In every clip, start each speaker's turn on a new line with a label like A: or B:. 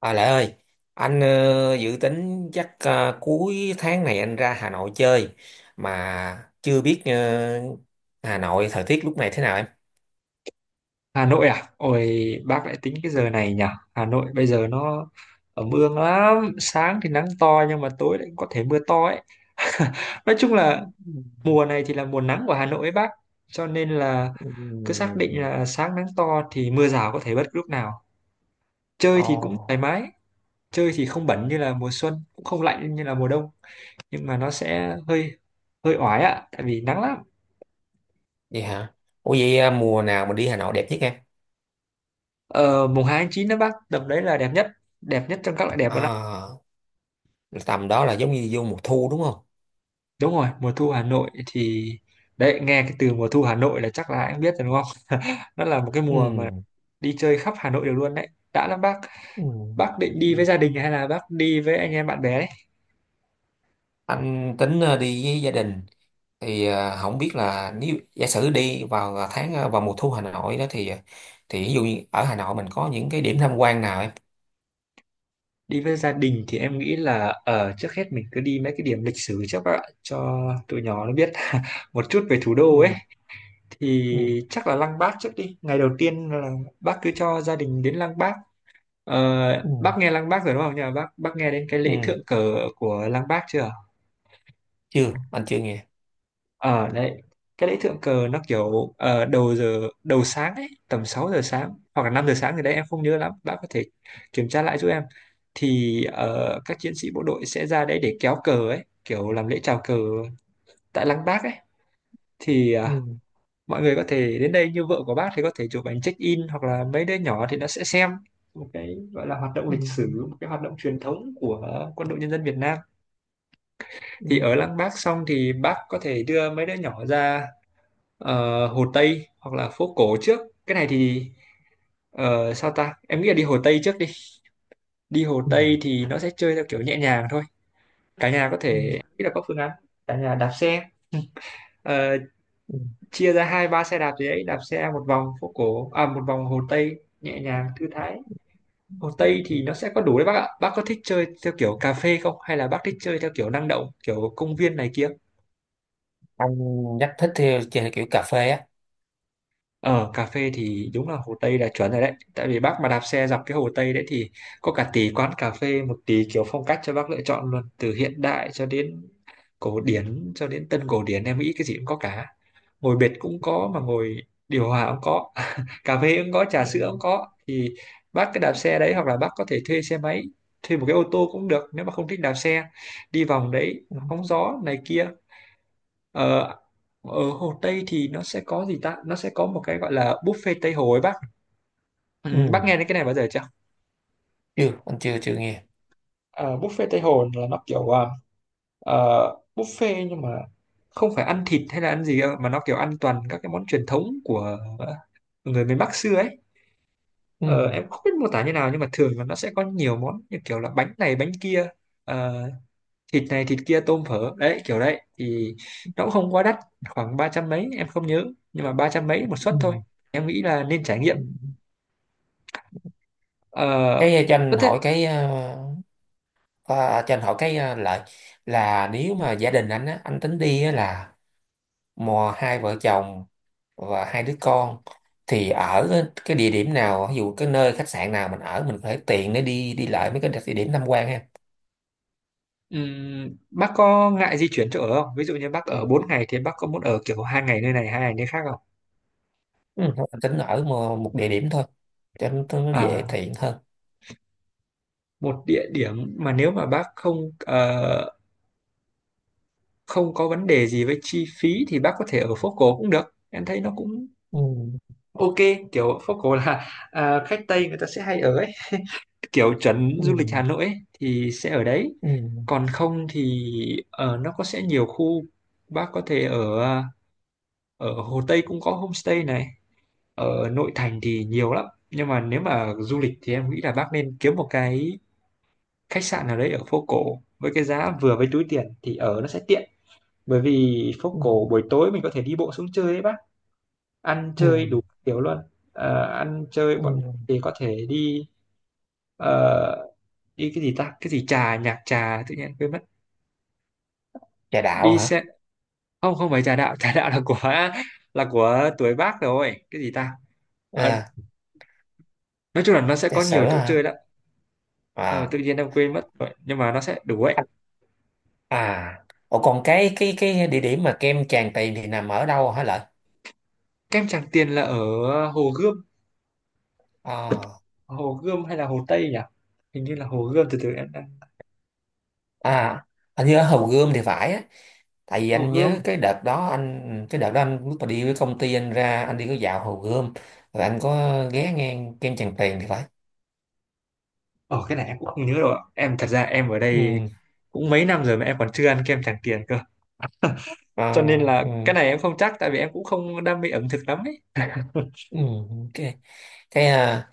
A: À Lại ơi, anh dự tính chắc cuối tháng này anh ra Hà Nội chơi mà chưa biết Hà Nội thời tiết lúc này thế nào em?
B: Hà Nội à? Ôi, bác lại tính cái giờ này nhỉ? Hà Nội bây giờ nó ẩm ương lắm. Sáng thì nắng to nhưng mà tối lại có thể mưa to ấy. Nói chung là mùa này thì là mùa nắng của Hà Nội ấy bác. Cho nên là cứ
A: Ừ.
B: xác định là sáng nắng to thì mưa rào có thể bất cứ lúc nào. Chơi thì cũng
A: Ồ,
B: thoải mái. Chơi thì không bẩn như là mùa xuân, cũng không lạnh như là mùa đông. Nhưng mà nó sẽ hơi hơi oải ạ, tại vì nắng lắm.
A: vậy hả? Ủa vậy, mùa nào mà đi Hà Nội đẹp nhất em?
B: Ờ, Mùng hai tháng 9 đó bác, tầm đấy là đẹp nhất. Đẹp nhất trong các loại đẹp luôn ạ.
A: À, tầm đó là giống như vô mùa thu đúng không?
B: Đúng rồi, mùa thu Hà Nội thì đấy, nghe cái từ mùa thu Hà Nội là chắc là anh biết rồi đúng không? Nó là một cái mùa
A: Ừ.
B: mà đi chơi khắp Hà Nội được luôn đấy, đã lắm bác. Bác định
A: Ừ.
B: đi với gia đình hay là bác đi với anh em bạn bè đấy?
A: Anh tính đi với gia đình thì không biết là nếu giả sử đi vào vào mùa thu Hà Nội đó thì thì ví dụ như ở Hà Nội mình có những cái điểm tham quan nào em?
B: Đi với gia đình thì em nghĩ là, ở, trước hết mình cứ đi mấy cái điểm lịch sử trước các bạn, cho tụi nhỏ nó biết một chút về thủ đô ấy.
A: Ừ. Ừ.
B: Thì chắc là Lăng Bác trước đi, ngày đầu tiên là bác cứ cho gia đình đến Lăng Bác.
A: Ừ.
B: Bác nghe Lăng Bác rồi đúng không nhỉ? Bác nghe đến cái lễ
A: Ừ.
B: thượng cờ của Lăng Bác chưa?
A: Chưa, anh chưa nghe.
B: Ờ đấy, cái lễ thượng cờ nó kiểu, đầu giờ đầu sáng ấy, tầm 6 giờ sáng hoặc là 5 giờ sáng gì đấy em không nhớ lắm, bạn có thể kiểm tra lại giúp em. Thì các chiến sĩ bộ đội sẽ ra đấy để kéo cờ ấy, kiểu làm lễ chào cờ tại Lăng Bác ấy. Thì
A: Ừ.
B: mọi người có thể đến đây, như vợ của bác thì có thể chụp ảnh check-in, hoặc là mấy đứa nhỏ thì nó sẽ xem một cái gọi là hoạt động
A: Ừ.
B: lịch sử, một cái hoạt động truyền thống của quân đội nhân dân Việt Nam.
A: Ừ.
B: Thì ở Lăng Bác xong thì bác có thể đưa mấy đứa nhỏ ra, Hồ Tây hoặc là phố cổ trước. Cái này thì, sao ta, em nghĩ là đi Hồ Tây trước đi. Đi Hồ
A: Ừ.
B: Tây thì nó sẽ chơi theo kiểu nhẹ nhàng thôi. Cả nhà có
A: Ừ.
B: thể nghĩ là có phương án cả nhà đạp xe, ờ,
A: Ừ.
B: chia ra hai ba xe đạp gì đấy, đạp xe một vòng phố cổ, à, một vòng Hồ Tây nhẹ nhàng thư thái. Hồ Tây thì nó sẽ có đủ đấy bác ạ. Bác có thích chơi theo kiểu cà phê không, hay là bác thích chơi theo kiểu năng động, kiểu công viên này kia?
A: Anh nhắc thích theo trên kiểu cà phê á.
B: Ở cà phê thì đúng là Hồ Tây là chuẩn rồi đấy. Tại vì bác mà đạp xe dọc cái Hồ Tây đấy thì có cả tỷ quán cà phê, một tỷ kiểu phong cách cho bác lựa chọn luôn. Từ hiện đại cho đến cổ điển, cho đến tân cổ điển, em nghĩ cái gì cũng có cả. Ngồi bệt cũng có mà ngồi điều hòa cũng có. Cà phê cũng có, trà sữa cũng
A: Ừ.
B: có. Thì bác cứ đạp xe đấy, hoặc là bác có thể thuê xe máy, thuê một cái ô tô cũng được nếu mà không thích đạp xe. Đi vòng đấy,
A: Ừ.
B: hóng gió này kia. Ờ, Ở Hồ Tây thì nó sẽ có gì ta? Nó sẽ có một cái gọi là buffet Tây Hồ ấy bác. Ừ, bác
A: Ừ.
B: nghe đến cái này bao giờ chưa?
A: Chưa, anh chưa chưa nghe.
B: Ờ, Buffet Tây Hồ là nó kiểu, ờ, buffet nhưng mà không phải ăn thịt hay là ăn gì đâu, mà nó kiểu ăn toàn các cái món truyền thống của, người miền Bắc xưa ấy. Ờ,
A: Ừ.
B: em không biết mô tả như nào nhưng mà thường là nó sẽ có nhiều món như kiểu là bánh này bánh kia. Ờ, Thịt này thịt kia, tôm phở đấy kiểu đấy thì nó cũng không quá đắt, khoảng ba trăm mấy em không nhớ, nhưng mà ba trăm mấy một suất thôi,
A: Ừ.
B: em nghĩ là nên trải nghiệm.
A: Ừ.
B: ờ
A: Cái cho
B: có
A: anh
B: thế.
A: hỏi cái Ờ, cho anh hỏi cái lại là nếu mà gia đình anh á, anh tính đi á là mò hai vợ chồng và hai đứa con thì ở cái địa điểm nào, ví dụ cái nơi khách sạn nào mình ở mình phải tiện để đi đi lại mấy cái địa điểm tham quan ha.
B: Bác có ngại di chuyển chỗ ở không, ví dụ như bác ở 4 ngày thì bác có muốn ở kiểu 2 ngày nơi này, 2 ngày nơi khác không?
A: Ừ, thôi anh tính ở một địa điểm thôi cho nó dễ
B: à
A: tiện hơn.
B: Một địa điểm mà nếu mà bác không có vấn đề gì với chi phí thì bác có thể ở phố cổ cũng được, em thấy nó cũng
A: Ừ.
B: ok. Kiểu phố cổ là, khách Tây người ta sẽ hay ở ấy, kiểu trấn du lịch Hà
A: Ừ.
B: Nội ấy, thì sẽ ở đấy.
A: Ừ.
B: Còn không thì, nó có sẽ nhiều khu, bác có thể ở Hồ Tây cũng có homestay này, ở nội thành thì nhiều lắm. Nhưng mà nếu mà du lịch thì em nghĩ là bác nên kiếm một cái khách sạn nào đấy ở phố cổ với cái giá vừa với túi tiền thì ở nó sẽ tiện. Bởi vì phố
A: Ừ.
B: cổ buổi tối mình có thể đi bộ xuống chơi ấy bác, ăn chơi
A: Ừ.
B: đủ kiểu luôn. Ăn chơi
A: Ừ.
B: bọn thì có thể đi, ờ, đi cái gì ta? Cái gì trà nhạc trà, tự nhiên quên mất.
A: Trà đạo
B: Đi
A: hả?
B: xe, không, không phải trà đạo. Trà đạo là của tuổi Bác rồi, cái gì ta? Ờ,
A: À,
B: nói chung là nó sẽ
A: trà
B: có nhiều
A: sữa
B: chỗ chơi
A: hả?
B: đó. Ờ, Tự
A: À,
B: nhiên em quên mất rồi nhưng mà nó sẽ đủ ấy.
A: anh- à. Ủa còn cái địa điểm mà kem Tràng Tiền thì nằm ở đâu hả lợi?
B: Kem Tràng Tiền là ở Hồ Gươm.
A: À.
B: Hồ Gươm hay là Hồ Tây nhỉ? Hình như là Hồ Gươm, từ từ em đang,
A: À, anh nhớ Hồ Gươm thì phải á, tại vì
B: Hồ
A: anh
B: Gươm.
A: nhớ cái đợt đó anh lúc mà đi với công ty anh ra anh đi có dạo Hồ Gươm rồi anh có ghé ngang kem Tràng Tiền thì phải.
B: Cái này em cũng không nhớ rồi ạ. Em thật ra ở đây
A: Ừ.
B: cũng mấy năm rồi mà em còn chưa ăn kem Tràng Tiền cơ,
A: À,
B: cho nên là
A: ừ.
B: cái này em không chắc, tại vì em cũng không đam mê ẩm thực lắm ấy.
A: Ừ. cái cái à,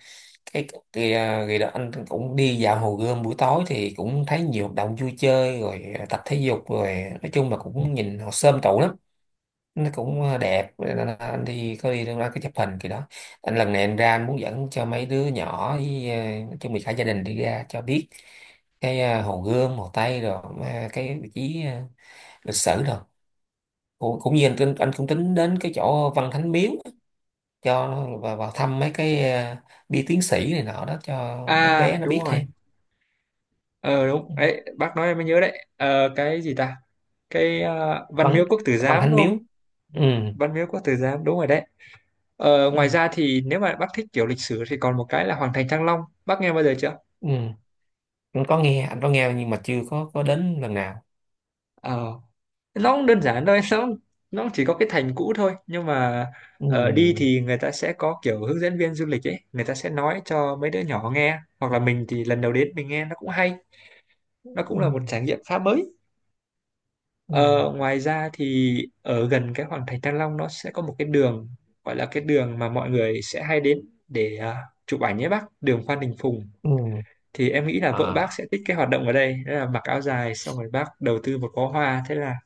A: cái cái đó anh cũng đi dạo Hồ Gươm buổi tối thì cũng thấy nhiều hoạt động vui chơi rồi tập thể dục rồi, nói chung là cũng nhìn họ xôm tụ lắm, nó cũng đẹp nên là anh đi có đi đâu đó cái chụp hình kỳ đó. Anh lần này anh ra anh muốn dẫn cho mấy đứa nhỏ với nói chung là cả gia đình đi ra cho biết cái Hồ Gươm Hồ Tây rồi cái vị trí lịch sử rồi cũng, cũng như anh, anh cũng tính đến cái chỗ Văn Thánh Miếu cho vào, vào thăm mấy cái bia tiến sĩ này nọ đó cho mấy bé nó
B: Đúng
A: biết
B: rồi,
A: thêm.
B: ờ đúng
A: Ừ.
B: ấy, bác nói em mới nhớ đấy. Ờ, cái gì ta? Cái, Văn
A: Văn
B: Miếu Quốc Tử
A: Văn
B: Giám
A: Thánh
B: đúng
A: Miếu.
B: không?
A: Ừ.
B: Văn Miếu Quốc Tử Giám đúng rồi đấy.
A: Ừ.
B: Ngoài ra thì nếu mà bác thích kiểu lịch sử thì còn một cái là Hoàng thành Thăng Long, bác nghe bao giờ chưa?
A: Ừ. Anh có nghe, anh có nghe nhưng mà chưa có có đến lần nào.
B: ờ nó cũng đơn giản thôi. Nó chỉ có cái thành cũ thôi, nhưng mà,
A: Ừ.
B: đi thì người ta sẽ có kiểu hướng dẫn viên du lịch ấy, người ta sẽ nói cho mấy đứa nhỏ nghe, hoặc là mình thì lần đầu đến mình nghe nó cũng hay, nó
A: Ừ.
B: cũng là một trải nghiệm khá mới.
A: Ừ.
B: Ờ, Ngoài ra thì ở gần cái Hoàng Thành Thăng Long nó sẽ có một cái đường, gọi là cái đường mà mọi người sẽ hay đến để, chụp ảnh nhé bác, đường Phan Đình Phùng.
A: Ừ.
B: Thì em nghĩ là vợ bác
A: À.
B: sẽ thích cái hoạt động ở đây, đó là mặc áo dài xong rồi bác đầu tư một bó hoa, thế là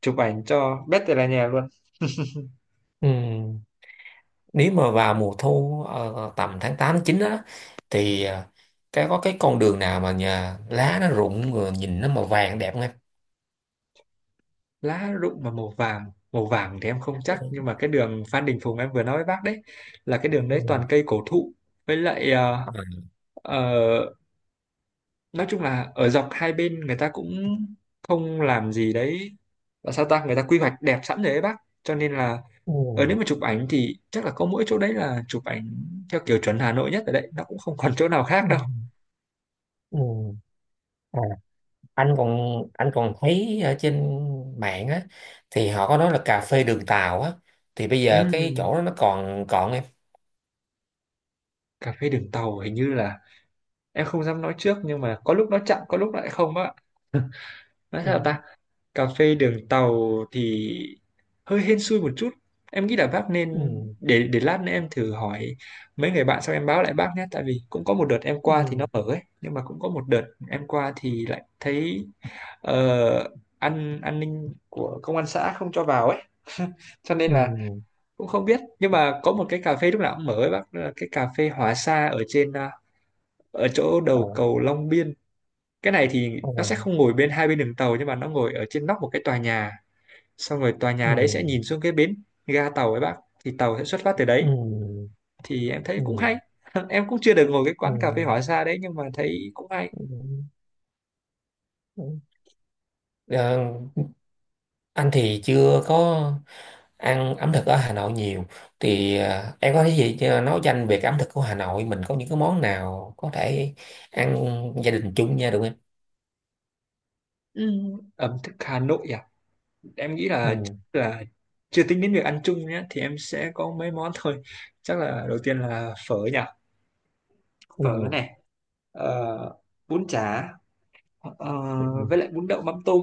B: chụp ảnh cho bét từ là nhà luôn.
A: Ừ. Nếu mà vào mùa thu tầm tháng 8 9 đó thì cái có cái con đường nào mà nhà lá nó rụng rồi nhìn nó màu vàng đẹp không em?
B: Lá rụng mà màu vàng thì em không
A: Ừ.
B: chắc, nhưng mà cái đường Phan Đình Phùng em vừa nói với bác đấy là cái đường đấy
A: Ừ.
B: toàn cây cổ thụ, với lại,
A: À.
B: uh, nói chung là ở dọc hai bên người ta cũng không làm gì đấy, và sao ta, người ta quy hoạch đẹp sẵn rồi ấy bác, cho nên là,
A: Ừ.
B: nếu mà chụp ảnh thì chắc là có mỗi chỗ đấy là chụp ảnh theo kiểu chuẩn Hà Nội nhất, ở đấy nó cũng không còn chỗ nào khác
A: Ừ.
B: đâu.
A: Ừ. À, anh còn thấy ở trên mạng á thì họ có nói là cà phê đường tàu á thì bây giờ cái
B: Ừm,
A: chỗ đó nó còn còn em?
B: Cà phê đường tàu hình như là, em không dám nói trước nhưng mà có lúc nó chậm có lúc lại không bác ạ. Nói sao ta,
A: Ừ.
B: cà phê đường tàu thì hơi hên xui một chút, em nghĩ là bác nên
A: Ừ.
B: để lát nữa em thử hỏi mấy người bạn xong em báo lại bác nhé, tại vì cũng có một đợt em qua thì nó
A: Ừ.
B: mở ấy nhưng mà cũng có một đợt em qua thì lại thấy, ờ, an ninh của công an xã không cho vào ấy. Cho nên
A: Ừ.
B: là cũng không biết, nhưng mà có một cái cà phê lúc nào cũng mở ấy bác, đó là cái cà phê Hòa Sa ở trên, ở chỗ
A: ờ,
B: đầu cầu Long Biên. Cái này thì
A: ờ,
B: nó sẽ không ngồi bên hai bên đường tàu, nhưng mà nó ngồi ở trên nóc một cái tòa nhà, xong rồi tòa
A: ừ.
B: nhà đấy sẽ nhìn xuống cái bến ga tàu ấy bác, thì tàu sẽ xuất phát từ đấy,
A: Ừ.
B: thì em thấy
A: Ừ.
B: cũng hay. Em cũng chưa được ngồi cái
A: Ừ.
B: quán cà phê hỏa xa đấy nhưng mà thấy cũng hay.
A: Ờ, anh thì chưa có ăn ẩm thực ở Hà Nội nhiều thì em có cái gì cho nói danh về cái ẩm thực của Hà Nội mình có những cái món nào có thể ăn gia đình chung nha được không?
B: Ừ. Ẩm thực Hà Nội à? Em nghĩ là chắc
A: Ừ.
B: là, chưa tính đến việc ăn chung nhé, thì em sẽ có mấy món thôi. Chắc là đầu tiên là phở nhỉ. Phở
A: Ừ.
B: này, ờ, bún chả, ờ,
A: Ừ.
B: với lại bún đậu mắm tôm.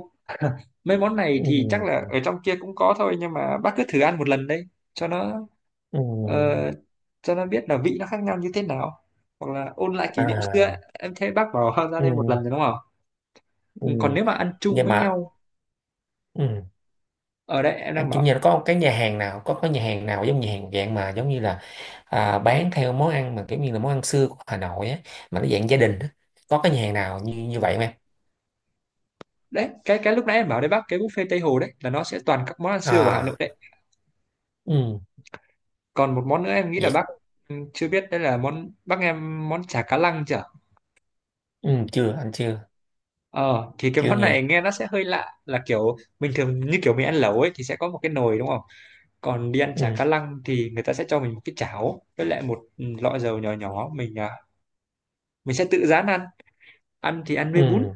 B: Mấy món này thì chắc là
A: Ừ.
B: ở trong kia cũng có thôi, nhưng mà bác cứ thử ăn một lần đấy cho nó,
A: Ừ.
B: ờ, cho nó biết là vị nó khác nhau như thế nào, hoặc là ôn lại kỷ niệm xưa ấy.
A: À.
B: Em thấy bác bảo ra
A: Ừ.
B: đây một lần rồi đúng không?
A: Ừ.
B: Ừ, còn nếu mà ăn chung
A: Nhưng
B: với
A: mà
B: nhau.
A: ừ.
B: Ở đây em đang
A: Anh chủ
B: bảo
A: nhà nó có cái nhà hàng nào có nhà hàng nào giống nhà hàng dạng mà giống như là à, bán theo món ăn mà kiểu như là món ăn xưa của Hà Nội á mà nó dạng gia đình á, có cái nhà hàng nào như như vậy không em?
B: đấy, cái lúc nãy em bảo đấy bác, cái buffet Tây Hồ đấy là nó sẽ toàn các món ăn xưa của Hà Nội
A: À.
B: đấy.
A: Ừ.
B: Còn một món nữa em nghĩ là
A: Vậy
B: bác, chưa biết đây là món, bác nghe món chả cá lăng chưa?
A: ừ, chưa anh chưa
B: Ờ thì cái
A: chưa
B: món này
A: nghe.
B: nghe nó sẽ hơi lạ, là kiểu bình thường như kiểu mình ăn lẩu ấy thì sẽ có một cái nồi đúng không? Còn đi ăn
A: Ừ.
B: chả cá lăng thì người ta sẽ cho mình một cái chảo với lại một, lọ dầu nhỏ nhỏ, mình sẽ tự rán ăn. Ăn thì ăn với bún.
A: Ừ.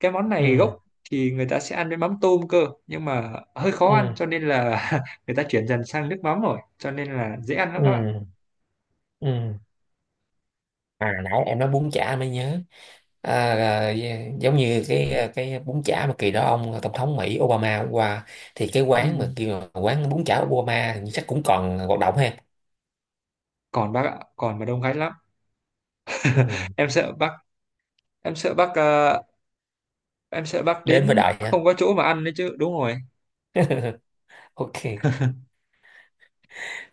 B: Cái món này
A: Ừ.
B: gốc thì người ta sẽ ăn với mắm tôm cơ, nhưng mà hơi khó ăn
A: Ừ.
B: cho nên là người ta chuyển dần sang nước mắm rồi, cho nên là dễ ăn lắm bác ạ.
A: Ừ. Ừ. À, nãy em nói bún chả mới nhớ, à, à, dạ, giống như cái à, cái bún chả mà kỳ đó ông à, tổng thống Mỹ Obama hôm qua, thì cái
B: Ừ.
A: quán mà kêu là quán bún chả Obama thì chắc cũng còn hoạt động ha.
B: Còn bác ạ, còn mà đông khách lắm.
A: Ừ.
B: Em sợ bác em sợ bác ờ, em sợ bác
A: Đến với
B: đến
A: đại hả?
B: không có chỗ mà ăn đấy chứ, đúng rồi.
A: Ok.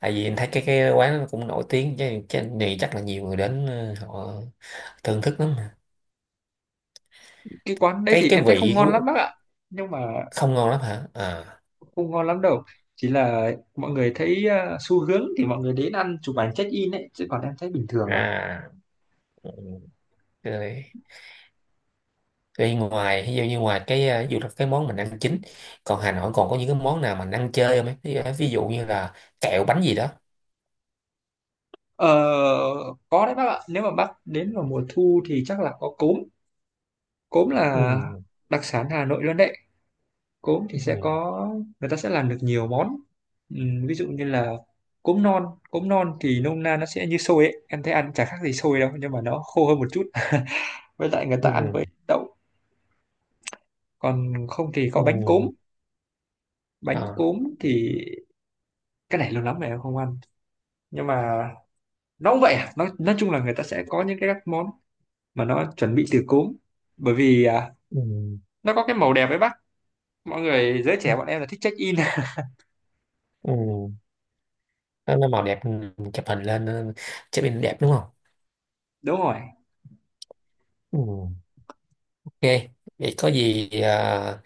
A: Tại vì em thấy cái quán nó cũng nổi tiếng chứ cái này chắc là nhiều người đến họ thưởng thức lắm mà.
B: Cái quán đấy
A: cái
B: thì
A: cái
B: em thấy không
A: vị
B: ngon lắm
A: của
B: bác ạ. Nhưng mà
A: không ngon lắm hả? À.
B: không ngon lắm đâu, chỉ là mọi người thấy, xu hướng thì mọi người đến ăn chụp ảnh check in ấy chứ, còn em thấy bình thường à.
A: À. Ừ. Rồi. Vậy ngoài ví dụ như ngoài cái ví dụ là cái món mình ăn chính, còn Hà Nội còn có những cái món nào mình ăn chơi không ấy, ví dụ như là kẹo bánh gì đó.
B: ờ, có đấy bác ạ, nếu mà bác đến vào mùa thu thì chắc là có cốm. Cốm là
A: Ừ.
B: đặc sản Hà Nội luôn đấy. Cốm thì
A: Ừ.
B: sẽ có, người ta sẽ làm được nhiều món. Ví dụ như là cốm non. Cốm non thì nôm na nó sẽ như xôi ấy, em thấy ăn chả khác gì xôi đâu, nhưng mà nó khô hơn một chút với lại người ta ăn với
A: Ừ.
B: đậu. Còn không thì có bánh cốm.
A: Ừ.
B: Bánh
A: À.
B: cốm thì, cái này lâu lắm rồi em không ăn, nhưng mà nó cũng vậy à. Nó nói chung là người ta sẽ có những cái các món mà nó chuẩn bị từ cốm, bởi vì,
A: Ừ.
B: nó có cái màu đẹp ấy bác. Mọi người giới trẻ bọn em là thích check in.
A: Ừ. Nó màu đẹp, ừ, chụp hình lên, ừ, chụp hình đẹp đúng không?
B: Đúng rồi.
A: Ừ. Ok, vậy có gì à,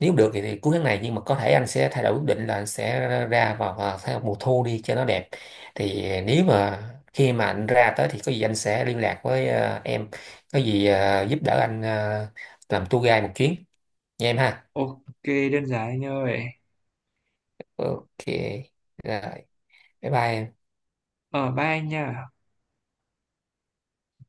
A: nếu được thì cuối tháng này nhưng mà có thể anh sẽ thay đổi quyết định là anh sẽ ra vào, vào theo mùa thu đi cho nó đẹp. Thì nếu mà khi mà anh ra tới thì có gì anh sẽ liên lạc với à, em, có gì à, giúp đỡ anh à, làm tour guide một chuyến nha em ha.
B: Ok, đơn giản anh ơi.
A: Ok, rồi, bye bye em.
B: Ờ Bye anh nha.